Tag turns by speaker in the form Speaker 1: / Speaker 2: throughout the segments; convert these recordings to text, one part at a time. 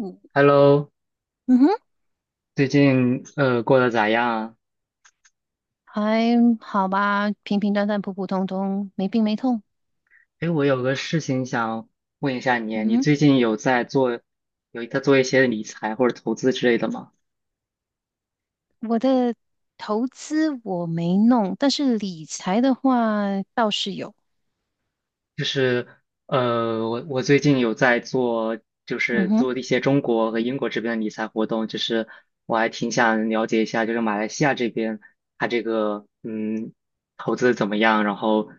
Speaker 1: 嗯
Speaker 2: Hello，
Speaker 1: 嗯哼，
Speaker 2: 最近过得咋样啊？
Speaker 1: 还好吧，平平淡淡，普普通通，没病没痛。
Speaker 2: 哎，我有个事情想问一下你，
Speaker 1: 嗯
Speaker 2: 你最
Speaker 1: 哼，
Speaker 2: 近有在做，一些理财或者投资之类的吗？
Speaker 1: 我的投资我没弄，但是理财的话倒是有。
Speaker 2: 就是我最近有在做，就
Speaker 1: 嗯
Speaker 2: 是
Speaker 1: 哼，
Speaker 2: 做一些中国和英国这边的理财活动，就是我还挺想了解一下，就是马来西亚这边它这个投资怎么样，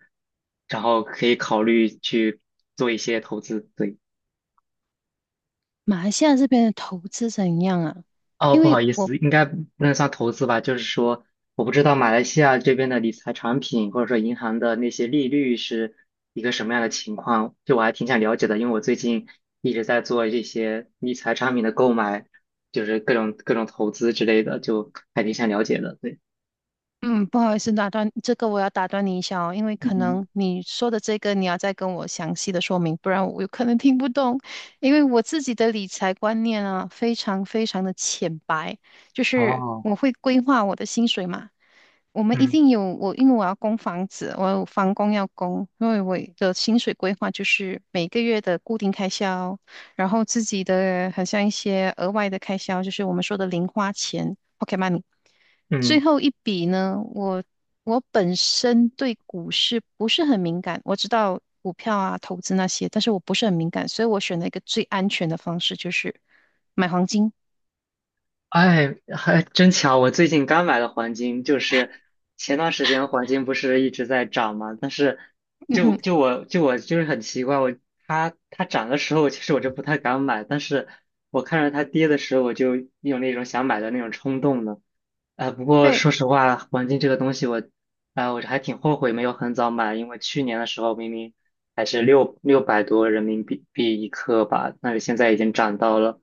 Speaker 2: 然后可以考虑去做一些投资，对。
Speaker 1: 马来西亚这边的投资怎样啊？
Speaker 2: 哦，
Speaker 1: 因
Speaker 2: 不
Speaker 1: 为
Speaker 2: 好意
Speaker 1: 我
Speaker 2: 思，应该不能算投资吧？就是说，我不知道马来西亚这边的理财产品或者说银行的那些利率是一个什么样的情况，就我还挺想了解的，因为我最近一直在做这些理财产品的购买，就是各种投资之类的，就还挺想了解的。对，
Speaker 1: 嗯，不好意思，打断，这个我要打断你一下哦，因为
Speaker 2: 嗯
Speaker 1: 可
Speaker 2: 嗯，
Speaker 1: 能你说的这个你要再跟我详细的说明，不然我有可能听不懂。因为我自己的理财观念啊，非常非常的浅白，就是
Speaker 2: 哦，
Speaker 1: 我会规划我的薪水嘛，我们一
Speaker 2: 嗯
Speaker 1: 定有我，因为我要供房子，我有房供要供，因为我的薪水规划就是每个月的固定开销，然后自己的很像一些额外的开销，就是我们说的零花钱 o k e t money。最
Speaker 2: 嗯。
Speaker 1: 后一笔呢，我本身对股市不是很敏感，我知道股票啊、投资那些，但是我不是很敏感，所以我选了一个最安全的方式，就是买黄金。
Speaker 2: 哎，还真巧！我最近刚买了黄金，就是前段时间黄金不是一直在涨嘛，但是
Speaker 1: 嗯嗯，
Speaker 2: 就就我就我很奇怪，它涨的时候，其实我就不太敢买，但是我看着它跌的时候，我就有那种想买的那种冲动呢。不过
Speaker 1: 对
Speaker 2: 说实话，黄金这个东西我还挺后悔没有很早买，因为去年的时候明明还是600多人民币一克吧，但是现在已经涨到了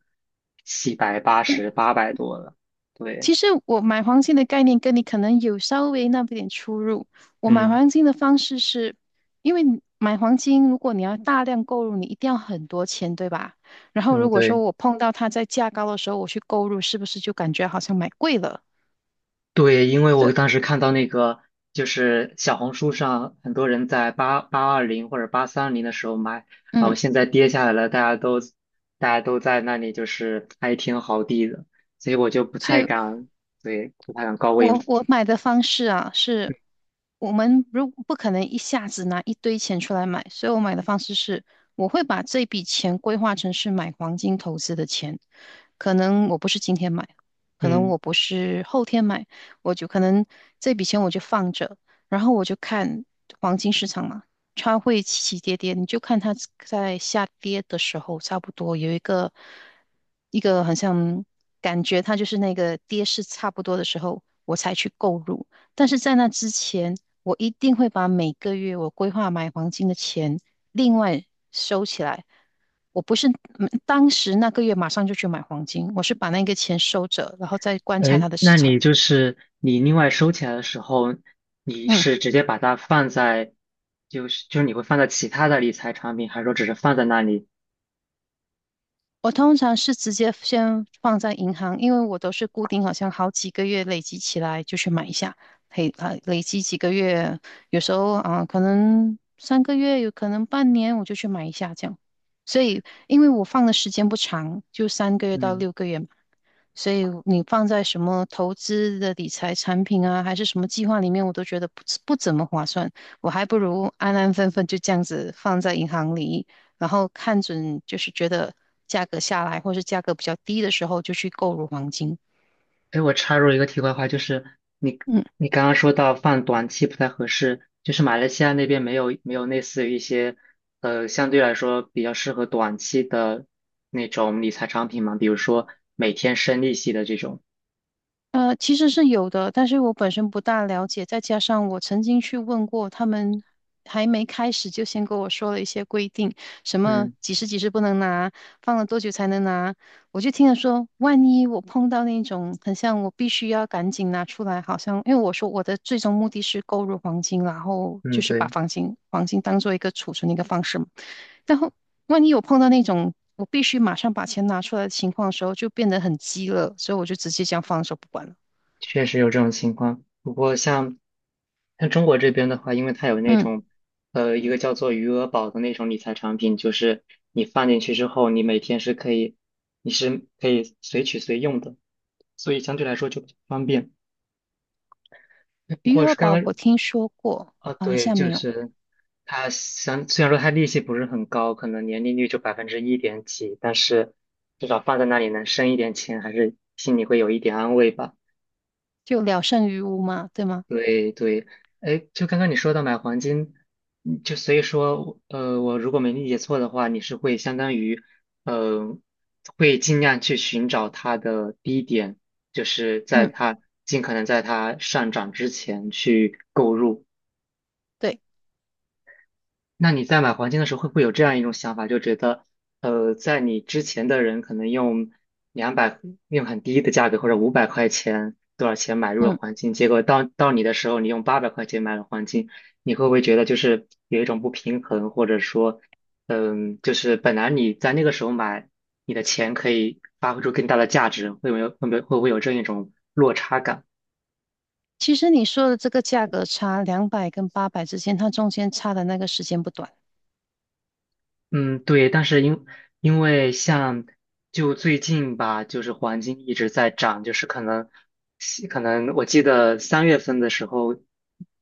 Speaker 2: 七百八
Speaker 1: 对。
Speaker 2: 十800多了。对，
Speaker 1: 其实我买黄金的概念跟你可能有稍微那么一点出入。我买
Speaker 2: 嗯
Speaker 1: 黄金的方式是，因为你买黄金，如果你要大量购入，你一定要很多钱，对吧？然后
Speaker 2: 嗯，
Speaker 1: 如果说
Speaker 2: 对。
Speaker 1: 我碰到它在价高的时候，我去购入，是不是就感觉好像买贵了？
Speaker 2: 对，因为我当
Speaker 1: 这
Speaker 2: 时看到那个，就是小红书上很多人在820或者830的时候买，然后
Speaker 1: 嗯
Speaker 2: 现在跌下来了，大家都在那里就是哀天嚎地的，所以我就不
Speaker 1: 所
Speaker 2: 太
Speaker 1: 以
Speaker 2: 敢，对，不太敢高位。
Speaker 1: 我买的方式啊，是我们如不可能一下子拿一堆钱出来买，所以我买的方式是，我会把这笔钱规划成是买黄金投资的钱，可能我不是今天买，可能
Speaker 2: 嗯，
Speaker 1: 我不是后天买，我就可能这笔钱我就放着，然后我就看黄金市场嘛，它会起起跌跌，你就看它在下跌的时候，差不多有一个好像感觉，它就是那个跌势差不多的时候，我才去购入。但是在那之前，我一定会把每个月我规划买黄金的钱另外收起来。我不是当时那个月马上就去买黄金，我是把那个钱收着，然后再观察
Speaker 2: 哎，
Speaker 1: 它的市
Speaker 2: 那
Speaker 1: 场。
Speaker 2: 你就是另外收起来的时候，你
Speaker 1: 嗯。
Speaker 2: 是直接把它放在，就是你会放在其他的理财产品，还是说只是放在那里？
Speaker 1: 我通常是直接先放在银行，因为我都是固定，好像好几个月累积起来就去买一下，累积几个月，有时候啊可能三个月，有可能半年，我就去买一下这样。所以因为我放的时间不长，就三个月到
Speaker 2: 嗯。
Speaker 1: 6个月嘛，所以你放在什么投资的理财产品啊，还是什么计划里面，我都觉得不怎么划算，我还不如安安分分就这样子放在银行里，然后看准就是觉得价格下来或是价格比较低的时候，就去购入黄金。
Speaker 2: 哎，我插入一个题外话，就是你
Speaker 1: 嗯，
Speaker 2: 你刚刚说到放短期不太合适，就是马来西亚那边没有类似于一些相对来说比较适合短期的那种理财产品嘛，比如说每天升利息的这种。
Speaker 1: 其实是有的，但是我本身不大了解，再加上我曾经去问过他们，还没开始就先跟我说了一些规定，什么
Speaker 2: 嗯
Speaker 1: 几十几十不能拿，放了多久才能拿，我就听了说，万一我碰到那种很像我必须要赶紧拿出来，好像因为我说我的最终目的是购入黄金，然后就
Speaker 2: 嗯，
Speaker 1: 是把
Speaker 2: 对，
Speaker 1: 黄金当做一个储存的一个方式嘛。然后万一有碰到那种我必须马上把钱拿出来的情况的时候，就变得很急了，所以我就直接这样放手不管了。
Speaker 2: 确实有这种情况。不过像中国这边的话，因为它有那
Speaker 1: 嗯，
Speaker 2: 种一个叫做余额宝的那种理财产品，就是你放进去之后，你是可以随取随用的。所以相对来说就比较方便。不
Speaker 1: 余
Speaker 2: 过是
Speaker 1: 额
Speaker 2: 刚
Speaker 1: 宝
Speaker 2: 刚
Speaker 1: 我听说过，
Speaker 2: 啊，
Speaker 1: 马来西
Speaker 2: 对，
Speaker 1: 亚
Speaker 2: 就
Speaker 1: 没有，
Speaker 2: 是虽然说他利息不是很高，可能年利率就百分之一点几，但是至少放在那里能生一点钱，还是心里会有一点安慰吧。
Speaker 1: 就聊胜于无嘛，对吗？
Speaker 2: 对对，哎，就刚刚你说到买黄金，就所以说，我如果没理解错的话，你是会相当于，呃，会尽量去寻找它的低点，就是
Speaker 1: 嗯，
Speaker 2: 尽可能在它上涨之前去购入。
Speaker 1: 对，
Speaker 2: 那你在买黄金的时候，会不会有这样一种想法，就觉得，在你之前的人可能用200，用很低的价格或者500块钱多少钱买入了
Speaker 1: 嗯，
Speaker 2: 黄金，结果到你的时候，你用800块钱买了黄金，你会不会觉得就是有一种不平衡，或者说，嗯，就是本来你在那个时候买，你的钱可以发挥出更大的价值，会不没有会不会会不会有这样一种落差感？
Speaker 1: 其实你说的这个价格差两百跟八百之间，它中间差的那个时间不短。
Speaker 2: 嗯，对，但是因为像就最近吧，就是黄金一直在涨，就是可能我记得3月份的时候，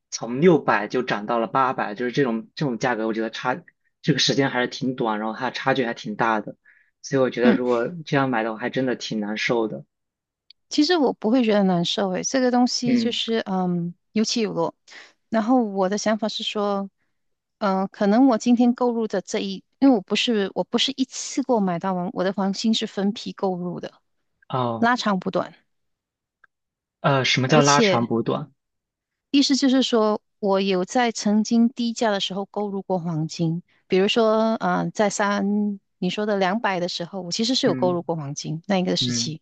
Speaker 2: 从六百就涨到了八百，就是这种价格，我觉得这个时间还是挺短，然后它差距还挺大的，所以我觉得
Speaker 1: 嗯。
Speaker 2: 如果这样买的话，还真的挺难受的。
Speaker 1: 其实我不会觉得难受诶，这个东西就
Speaker 2: 嗯，
Speaker 1: 是有起有落。然后我的想法是说，可能我今天购入的因为我不是一次购买到完，我的黄金是分批购入的，
Speaker 2: 哦，
Speaker 1: 拉长不短。
Speaker 2: 什么叫
Speaker 1: 而
Speaker 2: 拉长
Speaker 1: 且
Speaker 2: 补短？
Speaker 1: 意思就是说，我有在曾经低价的时候购入过黄金，比如说，你说的两百的时候，我其实是有购
Speaker 2: 嗯
Speaker 1: 入过黄金那一个时
Speaker 2: 嗯。
Speaker 1: 期。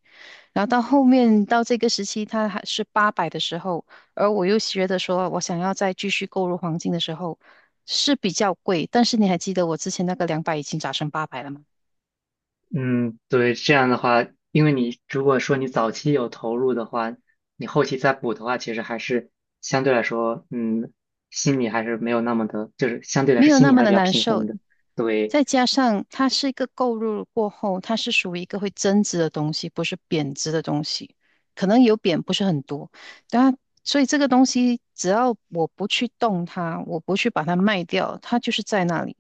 Speaker 1: 然后到后面到这个时期，它还是八百的时候，而我又觉得说，我想要再继续购入黄金的时候是比较贵，但是你还记得我之前那个两百已经涨成八百了吗？
Speaker 2: 嗯，对，这样的话，因为你如果说你早期有投入的话，你后期再补的话，其实还是相对来说，嗯，心里还是没有那么的，就是相对来
Speaker 1: 没
Speaker 2: 说
Speaker 1: 有
Speaker 2: 心
Speaker 1: 那
Speaker 2: 里还
Speaker 1: 么
Speaker 2: 是
Speaker 1: 的
Speaker 2: 比较
Speaker 1: 难
Speaker 2: 平衡
Speaker 1: 受，
Speaker 2: 的。对，
Speaker 1: 再加上它是一个购入过后，它是属于一个会增值的东西，不是贬值的东西，可能有贬，不是很多。当然，所以这个东西只要我不去动它，我不去把它卖掉，它就是在那里。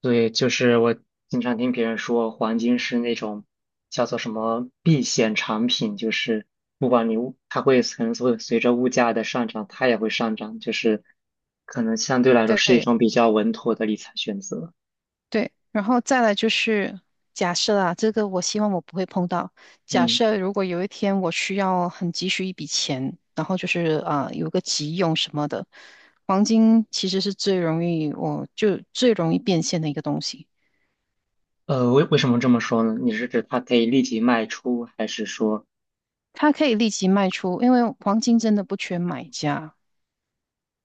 Speaker 2: 对，就是我经常听别人说，黄金是那种叫做什么避险产品，就是不管你物，它可能会随着物价的上涨，它也会上涨，就是可能相对来说是一
Speaker 1: 对，
Speaker 2: 种比较稳妥的理财选择。
Speaker 1: 对，然后再来就是假设啊，这个我希望我不会碰到。假
Speaker 2: 嗯。
Speaker 1: 设如果有一天我需要很急需一笔钱，然后就是啊、有个急用什么的，黄金其实是最容易变现的一个东西，
Speaker 2: 呃，为什么这么说呢？你是指它可以立即卖出，还是说，
Speaker 1: 它可以立即卖出，因为黄金真的不缺买家，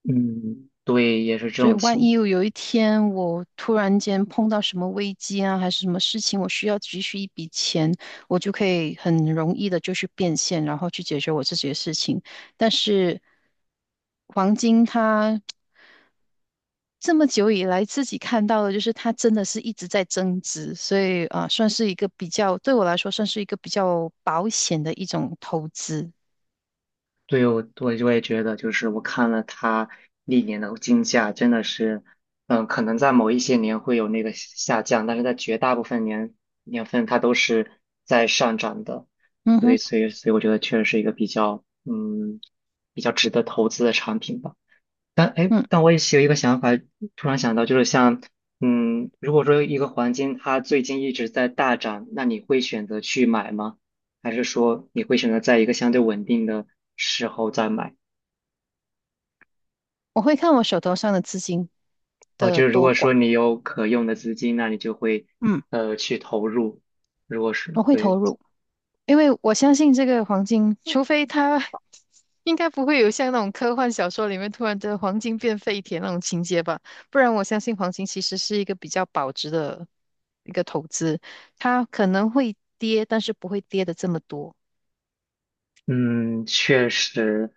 Speaker 2: 嗯，对，也是这
Speaker 1: 所以
Speaker 2: 种
Speaker 1: 万一
Speaker 2: 情，
Speaker 1: 有一天我突然间碰到什么危机啊，还是什么事情，我需要急需一笔钱，我就可以很容易的就去变现，然后去解决我自己的事情。但是黄金它这么久以来自己看到的，就是它真的是一直在增值，所以啊，算是一个比较，对我来说算是一个比较保险的一种投资。
Speaker 2: 对我就会觉得，就是我看了它历年的金价，真的是，嗯，可能在某一些年会有那个下降，但是在绝大部分年份它都是在上涨的，
Speaker 1: 嗯
Speaker 2: 对，
Speaker 1: 哼，
Speaker 2: 所以我觉得确实是一个比较，嗯，比较值得投资的产品吧。但哎，
Speaker 1: 嗯，
Speaker 2: 我也是有一个想法，突然想到，就是像，嗯，如果说一个黄金它最近一直在大涨，那你会选择去买吗？还是说你会选择在一个相对稳定的时候再买？
Speaker 1: 我会看我手头上的资金
Speaker 2: 啊，
Speaker 1: 的
Speaker 2: 就是如
Speaker 1: 多
Speaker 2: 果说
Speaker 1: 寡，
Speaker 2: 你有可用的资金，那你就会
Speaker 1: 嗯，
Speaker 2: 去投入。如果是
Speaker 1: 我会投
Speaker 2: 对。
Speaker 1: 入。因为我相信这个黄金，除非它 应该不会有像那种科幻小说里面突然的黄金变废铁那种情节吧，不然我相信黄金其实是一个比较保值的一个投资，它可能会跌，但是不会跌的这么多。
Speaker 2: 嗯，确实，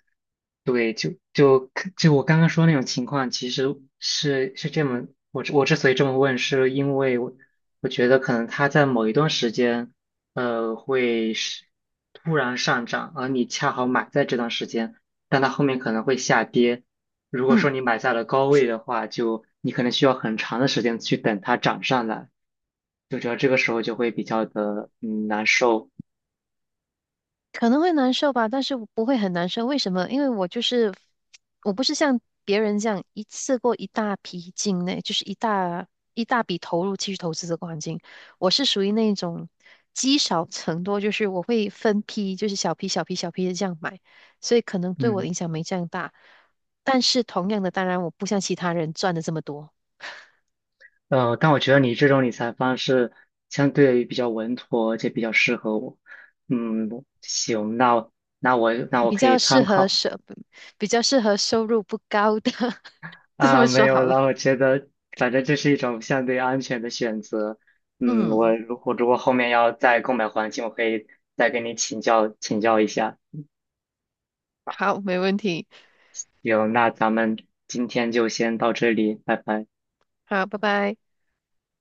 Speaker 2: 对，就我刚刚说那种情况，其实是这么，我之所以这么问，是因为我我觉得可能它在某一段时间，会是突然上涨，而你恰好买在这段时间，但它后面可能会下跌。如果
Speaker 1: 嗯。
Speaker 2: 说你买在了高位的话，就你可能需要很长的时间去等它涨上来，就觉得这个时候就会比较的难受。
Speaker 1: 可能会难受吧，但是不会很难受。为什么？因为我就是我不是像别人这样一次过一大批进内，就是一大笔投入去投资这个环境。我是属于那种积少成多，就是我会分批，就是小批小批小批的这样买，所以可能对我的
Speaker 2: 嗯。
Speaker 1: 影响没这样大。但是同样的，当然我不像其他人赚的这么多，
Speaker 2: 呃，但我觉得你这种理财方式相对于比较稳妥，而且比较适合我。嗯，行，那我
Speaker 1: 比
Speaker 2: 可以
Speaker 1: 较适
Speaker 2: 参
Speaker 1: 合
Speaker 2: 考
Speaker 1: 收，比较适合收入不高的，这
Speaker 2: 啊，
Speaker 1: 么
Speaker 2: 没
Speaker 1: 说
Speaker 2: 有
Speaker 1: 好了。
Speaker 2: 了。我觉得反正这是一种相对安全的选择。嗯，我
Speaker 1: 嗯，
Speaker 2: 如果后面要再购买黄金，我可以再跟你请教请教一下。
Speaker 1: 好，没问题。
Speaker 2: 有，那咱们今天就先到这里，拜拜。
Speaker 1: 好，拜拜。